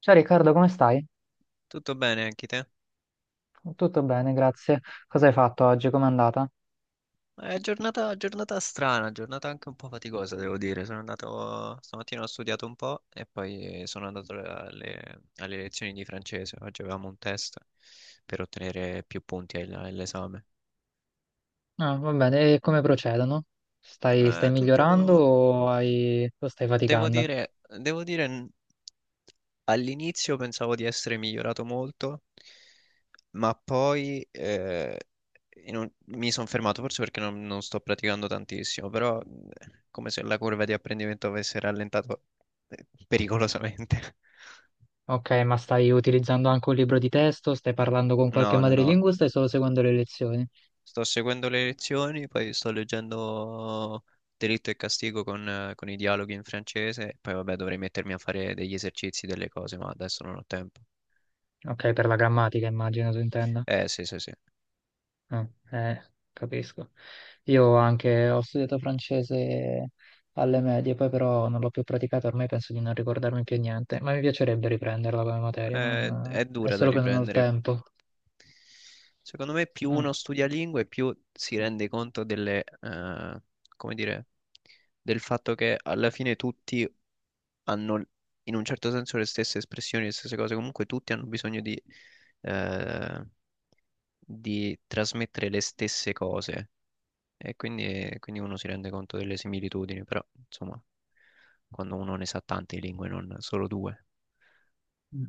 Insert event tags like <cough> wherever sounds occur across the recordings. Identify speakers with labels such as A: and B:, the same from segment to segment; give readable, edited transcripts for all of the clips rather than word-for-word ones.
A: Ciao Riccardo, come stai?
B: Tutto bene anche te?
A: Tutto bene, grazie. Cosa hai fatto oggi? Com'è andata?
B: È giornata, giornata strana, giornata anche un po' faticosa, devo dire. Sono andato, stamattina ho studiato un po' e poi sono andato alle lezioni di francese. Oggi avevamo un test per ottenere più punti all'esame.
A: Ah, va bene, e come procedono? Stai migliorando
B: Tutto,
A: o, o stai
B: Devo
A: faticando?
B: dire, devo dire, n- all'inizio pensavo di essere migliorato molto, ma poi mi sono fermato, forse perché non sto praticando tantissimo, però come se la curva di apprendimento avesse rallentato pericolosamente. <laughs>
A: Ok, ma stai utilizzando anche un libro di testo? Stai parlando con qualche
B: No, no, no.
A: madrelingua o stai solo seguendo le lezioni?
B: Sto seguendo le lezioni, poi sto leggendo Delitto e Castigo con i dialoghi in francese, poi vabbè dovrei mettermi a fare degli esercizi, delle cose, ma adesso non ho tempo.
A: Ok, per la grammatica immagino tu intenda.
B: Eh sì, sì, sì.
A: Mm, capisco. Io anche ho studiato francese alle medie, poi però non l'ho più praticato, ormai penso di non ricordarmi più niente, ma mi piacerebbe riprenderla come materia,
B: È
A: è
B: dura da
A: solo che non ho il
B: riprendere.
A: tempo.
B: Secondo me più
A: Mm,
B: uno studia lingue, più si rende conto come dire, del fatto che alla fine tutti hanno in un certo senso le stesse espressioni, le stesse cose. Comunque tutti hanno bisogno eh, di trasmettere le stesse cose. E quindi uno si rende conto delle similitudini, però insomma, quando uno ne sa tante lingue, non solo due.
A: mm.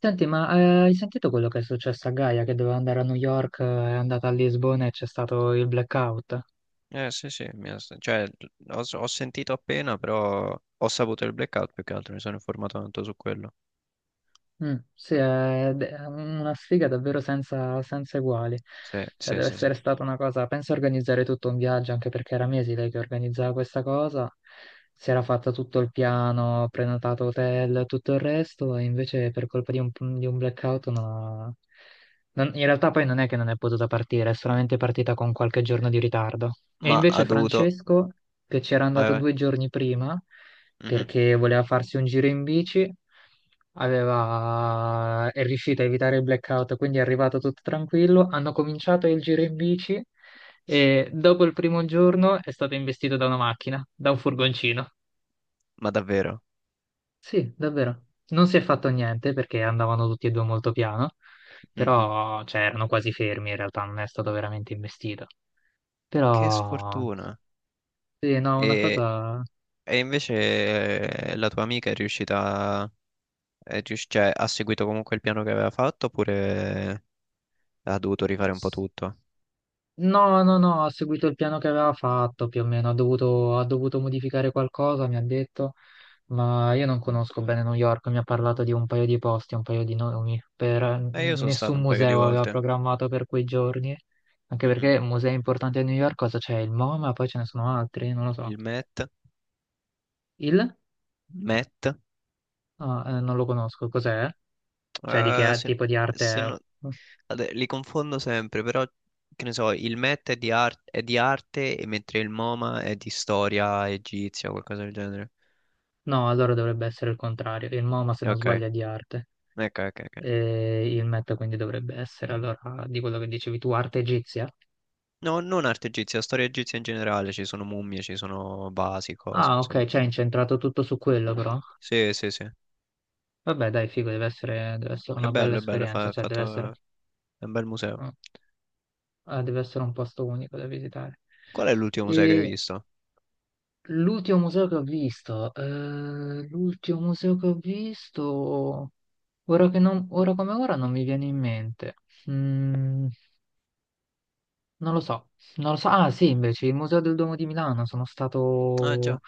A: Senti, ma hai sentito quello che è successo a Gaia che doveva andare a New York, è andata a Lisbona e c'è stato il blackout?
B: Eh sì sì, cioè, ho sentito appena, però ho saputo il blackout più che altro, mi sono informato tanto su quello.
A: Mm, sì, è una sfiga davvero senza, senza uguali.
B: Sì,
A: Cioè,
B: sì,
A: deve
B: sì, sì.
A: essere stata una cosa. Penso a organizzare tutto un viaggio, anche perché era mesi lei che organizzava questa cosa. Si era fatta tutto il piano, prenotato hotel, tutto il resto, e invece per colpa di un blackout non ha- non- in realtà poi non è che non è potuta partire, è solamente partita con qualche giorno di ritardo. E
B: Ma ha
A: invece
B: dovuto...
A: Francesco, che c'era
B: Vai,
A: andato
B: vai.
A: due giorni prima,
B: Mhm.
A: perché voleva farsi un giro in bici, è riuscito a evitare il blackout, quindi è arrivato tutto tranquillo. Hanno cominciato il giro in bici e dopo il primo giorno è stato investito da una macchina, da un furgoncino.
B: Ma davvero?
A: Sì, davvero. Non si è fatto niente perché andavano tutti e due molto piano,
B: Mhm.
A: però cioè, erano quasi fermi in realtà, non è stato veramente investito.
B: Che
A: Però
B: sfortuna.
A: sì, no, una
B: E,
A: cosa...
B: e invece la tua amica è riuscita... cioè, ha seguito comunque il piano che aveva fatto oppure ha dovuto rifare un po' tutto?
A: No, no, no, ha seguito il piano che aveva fatto più o meno, ha dovuto modificare qualcosa, mi ha detto. Ma io non conosco bene New York, mi ha parlato di un paio di posti, un paio di nomi,
B: Io sono stato
A: nessun
B: un paio di
A: museo aveva
B: volte.
A: programmato per quei giorni, anche
B: Mhm.
A: perché musei importanti a New York, cosa c'è? Il MoMA, poi ce ne sono altri, non lo so.
B: Il Met.
A: Il?
B: Met.
A: Ah, non lo conosco, cos'è? Cioè
B: Se,
A: tipo di arte
B: se
A: è?
B: no- Vabbè, li confondo sempre, però che ne so, il Met è è di arte, e mentre il MoMA è di storia egizia o qualcosa del genere.
A: No, allora dovrebbe essere il contrario, il MoMA se non
B: Ok,
A: sbaglio è di arte,
B: ok, ok, ok.
A: e il Met quindi dovrebbe essere, allora, di quello che dicevi tu, arte egizia?
B: No, non arte egizia, storia egizia in generale, ci sono mummie, ci sono vasi, cose,
A: Ah, ok,
B: insomma.
A: cioè è incentrato tutto su quello però.
B: Sì, sì, sì.
A: Vabbè, dai, figo, deve essere
B: È
A: una bella
B: bello, è bello,
A: esperienza,
B: è
A: cioè
B: fatto... è un bel museo.
A: eh, deve essere un posto unico da visitare.
B: Qual è l'ultimo museo che hai
A: E
B: visto?
A: l'ultimo museo che ho visto, ora come ora non mi viene in mente. Mm, non lo so, non lo so. Ah, sì,
B: Mm.
A: invece, il Museo del Duomo di Milano, sono
B: Ah,
A: stato...
B: già.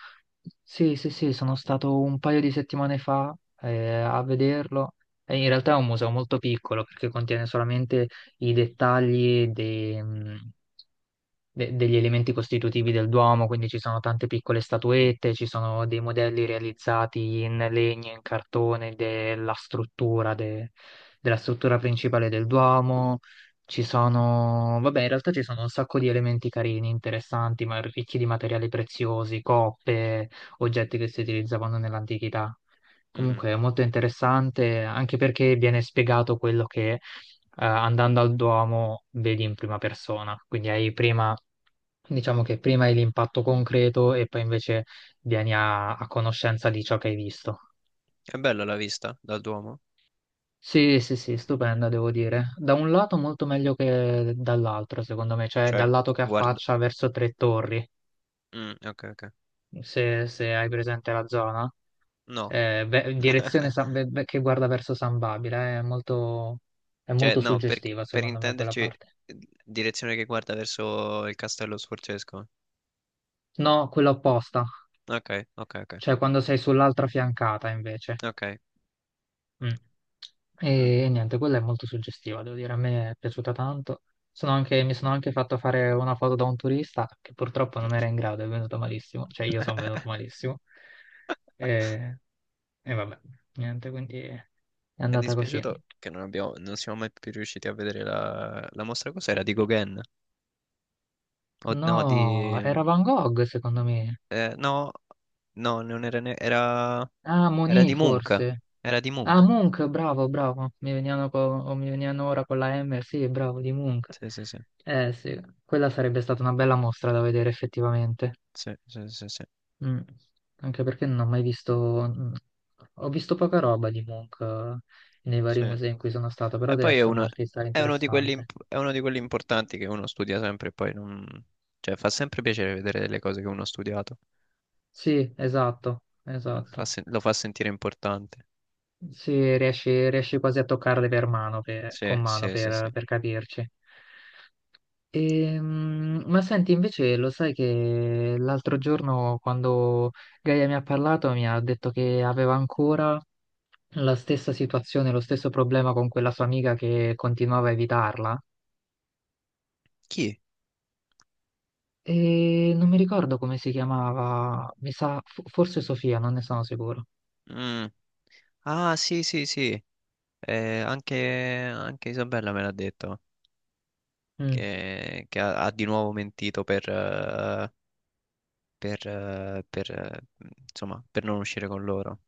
A: Sì, sì, sì, sono stato un paio di settimane fa a vederlo. E in realtà è un museo molto piccolo perché contiene solamente i dettagli degli elementi costitutivi del Duomo, quindi ci sono tante piccole statuette, ci sono dei modelli realizzati in legno, in cartone della struttura, della struttura principale del Duomo. Ci sono, vabbè, in realtà ci sono un sacco di elementi carini, interessanti, ma ricchi di materiali preziosi, coppe, oggetti che si utilizzavano nell'antichità.
B: Mhm.
A: Comunque è molto interessante, anche perché viene spiegato quello che andando al Duomo vedi in prima persona, quindi hai prima diciamo che prima hai l'impatto concreto e poi invece vieni a, a conoscenza di ciò che hai visto.
B: È bella la vista dal Duomo?
A: Sì, sì, sì, stupenda, devo dire. Da un lato molto meglio che dall'altro, secondo me, cioè dal lato che
B: Guarda...
A: affaccia verso Tre Torri,
B: Mm, ok, ok.
A: se, se hai presente la zona.
B: No.
A: Beh,
B: <laughs>
A: beh, beh, che guarda verso San Babila, è
B: Cioè,
A: molto
B: no,
A: suggestiva,
B: per
A: secondo me, quella
B: intenderci,
A: parte.
B: direzione che guarda verso il castello sforzesco.
A: No, quella opposta,
B: Ok, ok, ok,
A: cioè quando sei sull'altra fiancata, invece.
B: ok.
A: Mm. E
B: Mm.
A: niente, quella è molto suggestiva, devo dire, a me è piaciuta tanto. Mi sono anche fatto fare una foto da un turista che purtroppo non era in grado, è venuto malissimo, cioè io sono venuto
B: <laughs>
A: malissimo. E, e vabbè, niente, quindi è
B: Mi è
A: andata così.
B: dispiaciuto che non non siamo mai più riusciti a vedere la mostra. Cos'era? Di Gauguin? O, no, di...
A: No, era Van Gogh secondo me.
B: eh, no, no, non era, ne- era...
A: Ah,
B: Era
A: Monet
B: di Munch.
A: forse.
B: Era di
A: Ah,
B: Munch.
A: Munch, bravo, bravo. Mi venivano ora con la M, sì, bravo, di Munch.
B: Sì, sì, sì.
A: Eh sì, quella sarebbe stata una bella mostra da vedere effettivamente.
B: Sì, sì, sì, sì.
A: Mm. Anche perché non ho mai visto, mm, ho visto poca roba di Munch nei vari
B: Sì.
A: musei in
B: E
A: cui sono stato, però deve
B: poi è
A: essere un
B: uno,
A: artista interessante.
B: è uno di quelli importanti che uno studia sempre e poi non... Cioè, fa sempre piacere vedere le cose che uno ha studiato.
A: Sì, esatto, esatto.
B: Lo fa sentire importante.
A: Sì, riesci, riesci quasi a toccarle per mano,
B: Sì,
A: con mano
B: sì, sì, sì.
A: per capirci. Ma senti, invece lo sai che l'altro giorno quando Gaia mi ha parlato mi ha detto che aveva ancora la stessa situazione, lo stesso problema con quella sua amica che continuava a evitarla?
B: Chi?
A: E non mi ricordo come si chiamava, mi sa, forse Sofia, non ne sono sicuro.
B: Mm. Ah, sì, sì, sì. Anche Isabella me l'ha detto
A: Mm.
B: che ha di nuovo mentito per, eh, per, eh, insomma, per non uscire con loro.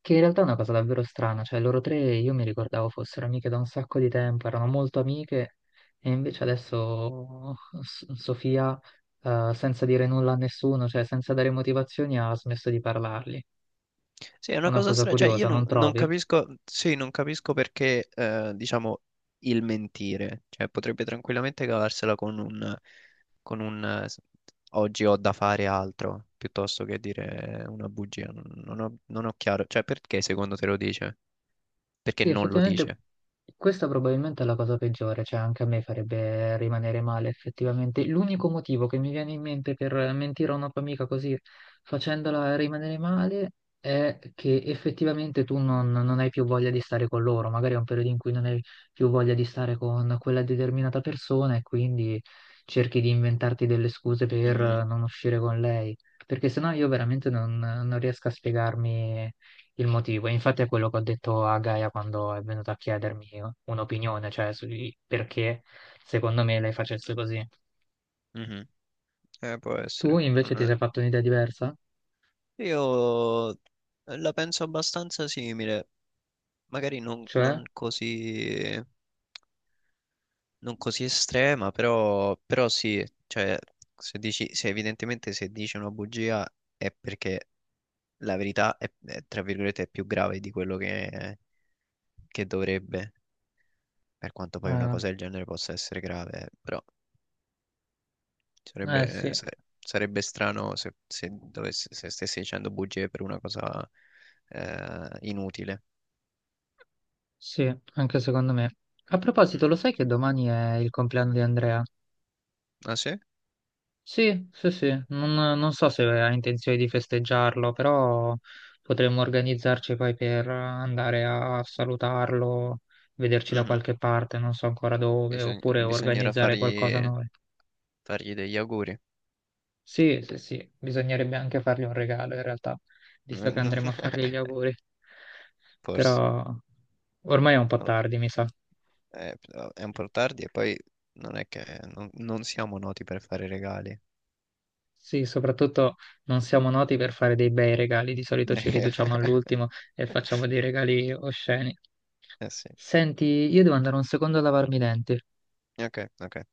A: Che in realtà è una cosa davvero strana, cioè loro tre io mi ricordavo fossero amiche da un sacco di tempo, erano molto amiche e invece adesso Sofia, senza dire nulla a nessuno, cioè senza dare motivazioni, ha smesso di parlargli.
B: Sì, è
A: È
B: una
A: una
B: cosa
A: cosa
B: strana, cioè io
A: curiosa, non
B: non
A: trovi?
B: capisco, sì, non capisco perché, diciamo, il mentire, cioè potrebbe tranquillamente cavarsela con un, con un eh, s- oggi ho da fare altro, piuttosto che dire una bugia, non ho chiaro, cioè perché secondo te lo dice? Perché
A: Sì,
B: non lo
A: effettivamente
B: dice?
A: questa probabilmente è la cosa peggiore, cioè anche a me farebbe rimanere male effettivamente. L'unico motivo che mi viene in mente per mentire a una tua amica così facendola rimanere male è che effettivamente tu non, non hai più voglia di stare con loro, magari è un periodo in cui non hai più voglia di stare con quella determinata persona e quindi cerchi di inventarti delle scuse per
B: Mm,
A: non uscire con lei, perché sennò io veramente non riesco a spiegarmi il motivo. E infatti è quello che ho detto a Gaia quando è venuto a chiedermi un'opinione, cioè sui perché secondo me lei facesse così.
B: mhm. Può
A: Tu
B: essere.
A: invece
B: Non
A: ti
B: è-
A: sei fatto un'idea diversa?
B: Io la penso abbastanza simile, magari
A: Cioè?
B: non così... non così estrema, però, però sì, cioè, se dici, se evidentemente se dici una bugia è perché la verità è, tra virgolette, è più grave di quello che dovrebbe, per quanto poi una
A: Eh,
B: cosa del genere possa essere grave, però sarebbe,
A: sì,
B: sa- sarebbe strano se stessi dicendo bugie per una cosa inutile.
A: sì, anche secondo me. A
B: Mm.
A: proposito, lo sai che domani è il compleanno di Andrea?
B: Ah sì?
A: Sì, sì, sì, non, non so se ha intenzione di festeggiarlo, però potremmo organizzarci poi per andare a salutarlo, vederci da
B: Mhm.
A: qualche parte, non so ancora dove, oppure
B: Bisognerà
A: organizzare qualcosa noi.
B: fargli degli auguri.
A: Sì, sì, sì, bisognerebbe anche fargli un regalo in realtà, visto che andremo a fargli gli
B: <laughs>
A: auguri,
B: Forse.
A: però ormai è un po'
B: Non
A: tardi, mi sa.
B: Però è un po' tardi e poi non è che non siamo noti per fare regali.
A: Sì, soprattutto non siamo noti per fare dei bei regali, di solito ci riduciamo
B: <laughs>
A: all'ultimo e facciamo dei regali osceni.
B: Eh sì,
A: Senti, io devo andare un secondo a lavarmi i denti.
B: ok, ok.